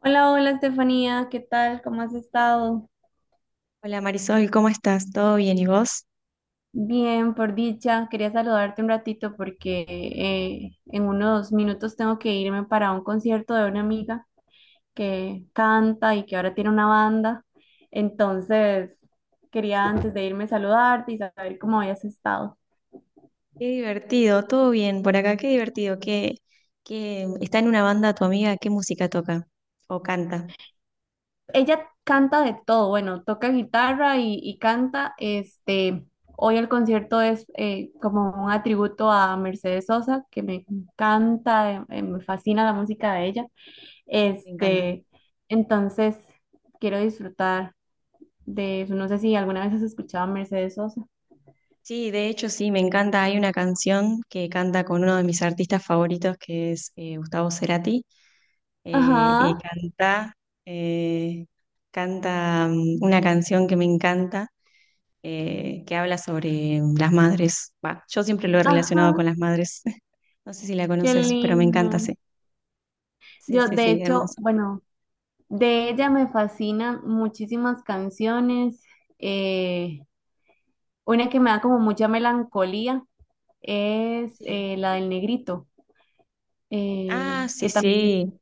Hola, hola Estefanía, ¿qué tal? ¿Cómo has estado? Hola Marisol, ¿cómo estás? ¿Todo bien? ¿Y vos? Bien, por dicha. Quería saludarte un ratito porque en unos minutos tengo que irme para un concierto de una amiga que canta y que ahora tiene una banda. Entonces, quería antes de irme saludarte y saber cómo habías estado. Qué divertido, todo bien por acá, qué divertido. ¿Qué está en una banda tu amiga? ¿Qué música toca? ¿O canta? Ella canta de todo, bueno, toca guitarra y canta. Hoy el concierto es como un atributo a Mercedes Sosa, que me encanta, me fascina la música de ella. Me encanta. Este, entonces quiero disfrutar de eso. No sé si alguna vez has escuchado a Mercedes Sosa. Sí, de hecho sí, me encanta. Hay una canción que canta con uno de mis artistas favoritos, que es Gustavo Cerati, eh, y Ajá, canta, eh, canta una canción que me encanta, que habla sobre las madres. Bah, yo siempre lo he relacionado ajá, con las madres. No sé si la qué conoces, pero me encanta. lindo. Sí. Sí, Yo, sí, de sí, hecho, hermoso. bueno, de ella me fascinan muchísimas canciones. Eh, Una que me da como mucha melancolía es Sí. La del negrito, Ah, sí, que también es, sí.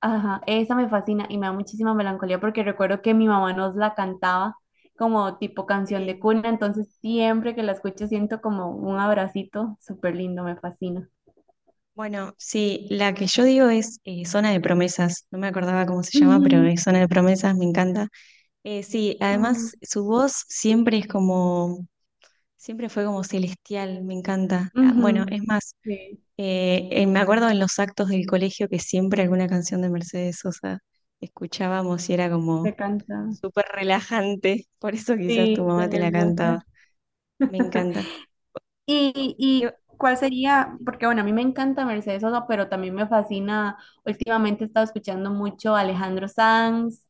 ajá, esa me fascina y me da muchísima melancolía porque recuerdo que mi mamá nos la cantaba como tipo canción de Sí. cuna, entonces siempre que la escucho siento como un abracito súper lindo, me fascina. Bueno, sí, la que yo digo es Zona de Promesas, no me acordaba cómo se llama, pero Ujú, es Zona de Promesas, me encanta. Sí, además ujú, su voz siempre es como, siempre fue como celestial, me encanta. Ah, bueno, ujú, es más, sí, me acuerdo en los actos del colegio que siempre alguna canción de Mercedes Sosa escuchábamos y era como se canta. súper relajante, por eso quizás tu Sí, mamá son te la cantaba. hermosas. Me encanta. Y Yo- cuál sería? Porque bueno, a mí me encanta Mercedes Sosa, pero también me fascina, últimamente he estado escuchando mucho a Alejandro Sanz,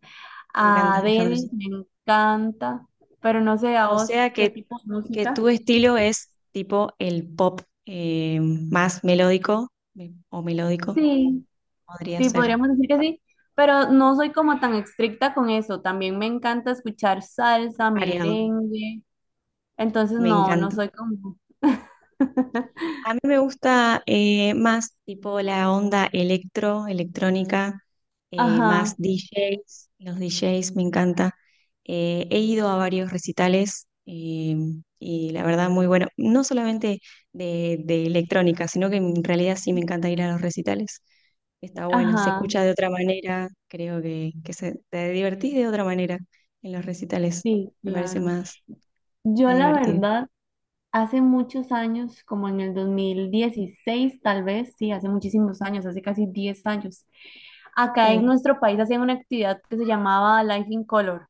me a encanta, Alejandro Adele, sí. me encanta, pero no sé a O vos sea qué tipo de que música. tu estilo es tipo el pop o melódico, Sí, podría sí, ser podríamos decir que sí, pero no soy como tan estricta con eso, también me encanta escuchar salsa, variado. merengue, entonces Me no, no encanta. soy como... A mí me gusta más tipo la onda electrónica, más Ajá, DJs, los DJs me encanta. He ido a varios recitales, y la verdad muy bueno, no solamente de electrónica, sino que en realidad sí me encanta ir a los recitales. Está bueno, se ajá, escucha de otra manera, creo que te divertís de otra manera en los recitales, sí, me parece claro. más, Yo más la divertido. verdad... Hace muchos años, como en el 2016 tal vez, sí, hace muchísimos años, hace casi 10 años, acá en Sí, nuestro país hacían una actividad que se llamaba Life in Color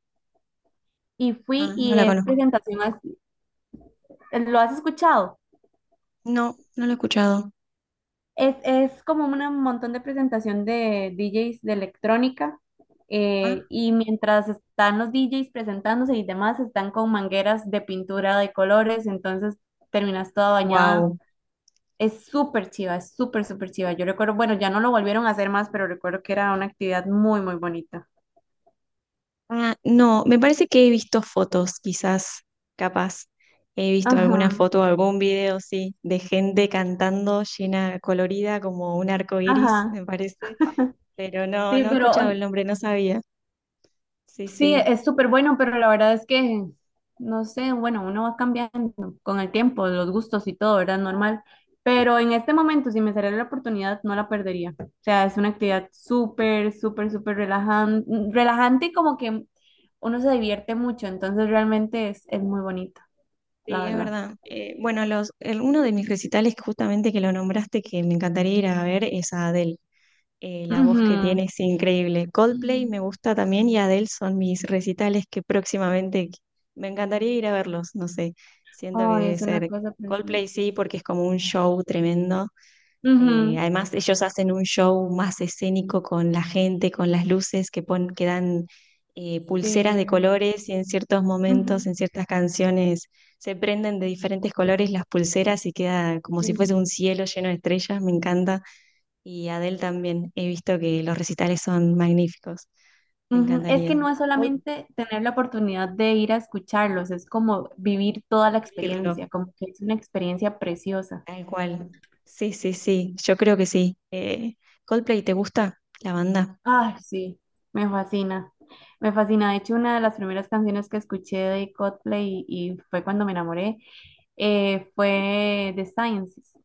y fui ah, no y la es conozco. presentación así, ¿lo has escuchado? No, no la he escuchado. Es como un montón de presentación de DJs de electrónica y mientras están los DJs presentándose y demás, están con mangueras de pintura de colores, entonces terminas toda bañada. Wow. Es súper chiva, es súper, súper chiva. Yo recuerdo, bueno, ya no lo volvieron a hacer más, pero recuerdo que era una actividad muy, muy bonita. Ah, no, me parece que he visto fotos, quizás, capaz. He visto alguna Ajá, foto, o algún video, sí, de gente cantando llena, colorida, como un arco iris, ajá. me parece. Pero Sí, no, no he pero escuchado el nombre, no sabía. Sí, sí, sí, es súper bueno, pero la verdad es que, no sé, bueno, uno va cambiando con el tiempo, los gustos y todo, ¿verdad? Normal. Pero en este momento, si me saliera la oportunidad, no la perdería. O sea, es una actividad súper, súper, súper relajante, relajante y como que uno se divierte mucho, entonces realmente es muy bonita, sí, la es verdad. verdad. Bueno, uno de mis recitales, justamente que lo nombraste, que me encantaría ir a ver, es a Adele. La voz que Ujú. tiene es increíble. Coldplay Mm. me gusta también y Adele son mis recitales que próximamente me encantaría ir a verlos, no sé, siento que Ay, debe es una ser cosa preciosa. Coldplay sí, porque es como un show tremendo. Ujú, Además, ellos hacen un show más escénico con la gente, con las luces que dan pulseras de sí, colores y en ciertos momentos, ujú, en ciertas canciones, se prenden de diferentes colores las pulseras y queda como si fuese sí, un cielo lleno de estrellas, me encanta. Y Adele también. He visto que los recitales son magníficos. Me ujú. Es encantaría que no es Coldplay, solamente tener la oportunidad de ir a escucharlos, es como vivir toda la vivirlo, experiencia, como que es una experiencia preciosa. tal cual. Sí, sí, sí. Yo creo que sí. Coldplay, ¿te gusta la banda? Ay, sí, me fascina, me fascina. De hecho, una de las primeras canciones que escuché de Coldplay y fue cuando me enamoré, fue The Sciences.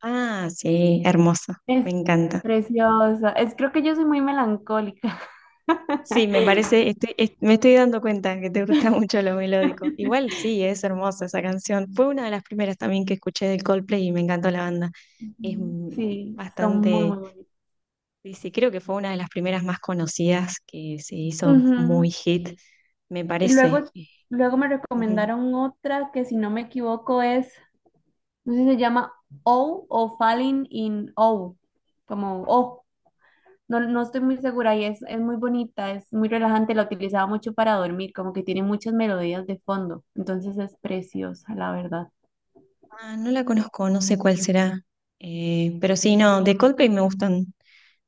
Ah, sí, hermosa. Me Es encanta. preciosa, es creo que yo soy muy melancólica. Sí, me parece, me estoy dando cuenta que te gusta mucho lo melódico. Igual sí, es hermosa esa canción. Fue una de las primeras también que escuché de Coldplay y me encantó la banda. Es Ujú. Sí, son muy, bastante. muy bonitas. Sí, sí, creo que fue una de las primeras más conocidas que se hizo muy Ujú. hit, me Y luego, parece. Luego me Ujú. recomendaron otra que si no me equivoco es, no sé si se llama O o Falling in O, como O. No, no estoy muy segura y es muy bonita, es muy relajante, la utilizaba mucho para dormir, como que tiene muchas melodías de fondo, entonces es preciosa, la verdad. Ah, no la conozco, no sé cuál será. Pero sí, no, de Coldplay me gustan.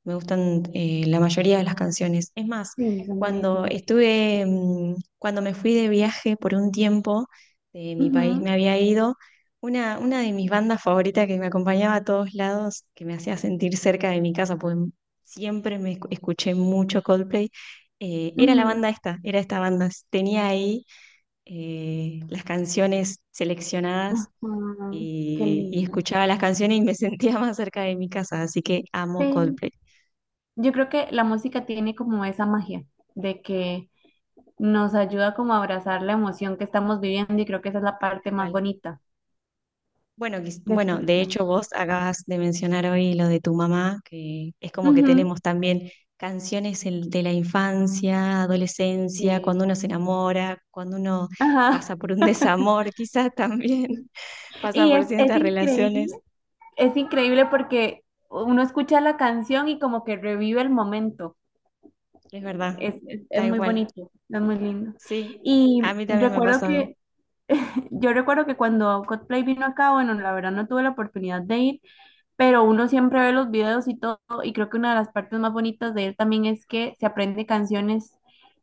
Me gustan la mayoría de las canciones. Es más, Sí, son cuando buenísimas. estuve, cuando me fui de viaje por un tiempo, de mi país Ujú, me había ido, una de mis bandas favoritas que me acompañaba a todos lados, que me hacía sentir cerca de mi casa, pues siempre escuché mucho Coldplay, ujú. Era esta banda. Tenía ahí las canciones seleccionadas Ajá, qué y lindo. escuchaba las canciones y me sentía más cerca de mi casa, así que amo Sí. Coldplay. Yo creo que la música tiene como esa magia de que nos ayuda como a abrazar la emoción que estamos viviendo y creo que esa es la parte Tal más cual. bonita, Bueno, de definitivamente. hecho vos acabas de mencionar hoy lo de tu mamá, que es como que Ujú, tenemos también canciones de la infancia, adolescencia, sí. cuando uno se enamora, cuando uno pasa Ajá. por un desamor, quizás también pasa Y por ciertas relaciones. Es increíble porque uno escucha la canción y como que revive el momento. Es verdad, Es tal muy igual. bonito, es muy lindo. Sí, Y a mí también me ha recuerdo pasado, que, yo recuerdo que cuando Coldplay vino acá, bueno, la verdad no tuve la oportunidad de ir, pero uno siempre ve los videos y todo, y creo que una de las partes más bonitas de él también es que se aprende canciones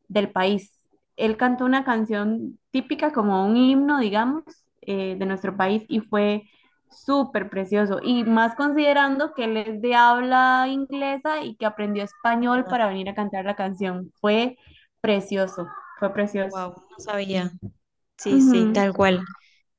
del país. Él cantó una canción típica, como un himno, digamos, de nuestro país, y fue súper precioso, y más considerando que él es de habla inglesa y que aprendió es español verdad. para venir a cantar la canción. Fue precioso, fue precioso. Wow, no sabía. Sí, sí, Ujú, tal cual.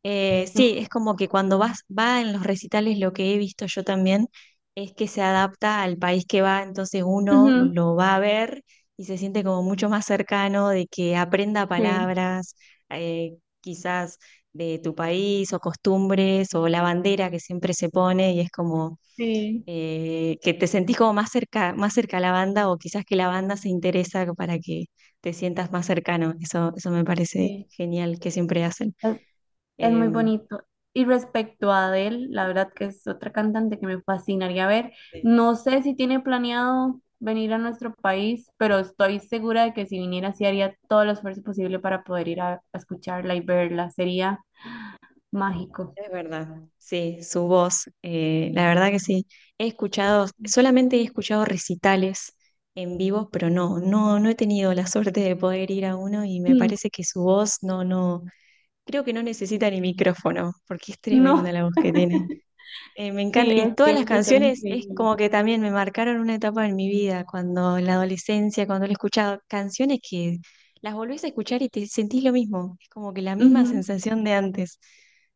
Sí, es como que cuando vas, va en los recitales, lo que he visto yo también es que se adapta al país que va, entonces uno ujú, lo va a ver y se siente como mucho más cercano de que aprenda sí, palabras, eh, quizás de tu país o costumbres o la bandera que siempre se pone y es como sí, que te sentís como más cerca a la banda o quizás que la banda se interesa para que te sientas más cercano. Eso me parece sí. genial que siempre hacen. Es muy Em, bonito. Y respecto a Adele, la verdad que es otra cantante que me fascinaría ver. No sé si tiene planeado venir a nuestro país, pero estoy segura de que si viniera, sí haría todo el esfuerzo posible para poder ir a escucharla y verla. Sería mágico. Es verdad, sí, su voz, la verdad que sí. He escuchado, solamente he escuchado recitales en vivo, pero no, no, no he tenido la suerte de poder ir a uno y me Mm, parece que su voz no, no, creo que no necesita ni micrófono, porque es no, tremenda la voz que tiene. Me encanta, sí, y es- todas tiene las que ser canciones es increíble. como que también me marcaron una etapa en mi vida, cuando en la adolescencia, cuando he escuchado canciones que las volvés a escuchar y te sentís lo mismo, es como que la misma Ujú, sensación de antes.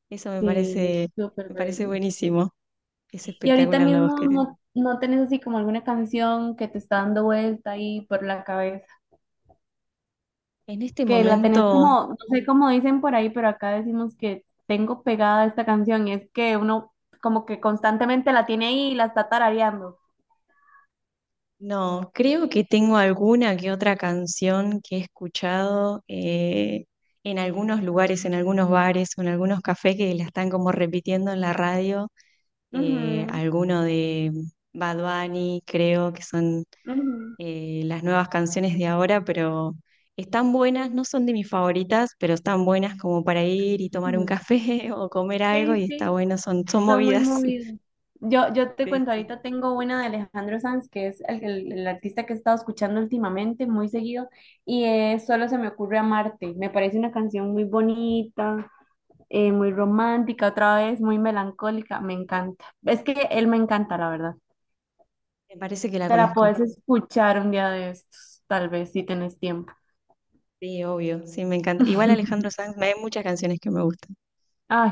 Eso sí, es súper me parece bello. buenísimo, es Y ahorita espectacular la voz mismo que tiene. no, no tenés así como alguna canción que te está dando vuelta ahí por la cabeza. En este Que la tenés momento, como, no sé cómo dicen por ahí, pero acá decimos que tengo pegada esta canción y es que uno como que constantemente la tiene ahí y la está tarareando. no, creo que tengo alguna que otra canción que he escuchado en algunos lugares, en algunos bares o en algunos cafés que la están como repitiendo en la radio, Ujú, alguno de Bad Bunny, creo que son ujú. Las nuevas canciones de ahora, pero están buenas, no son de mis favoritas, pero están buenas como para ir y tomar un Sí, café o comer algo sí, y está sí, bueno, son, son son muy movidas. movidos. Yo te Sí, cuento, sí. ahorita tengo una de Alejandro Sanz, que es el artista que he estado escuchando últimamente, muy seguido, y es Solo se me ocurre amarte. Me parece una canción muy bonita, muy romántica, otra vez muy melancólica, me encanta. Es que él me encanta, la verdad. Me parece que la Te la conozco. puedes escuchar un día de estos, tal vez si tenés tiempo. Sí, obvio, sí, me encanta. Igual Alejandro Sanz, hay muchas canciones que me gustan. Ay,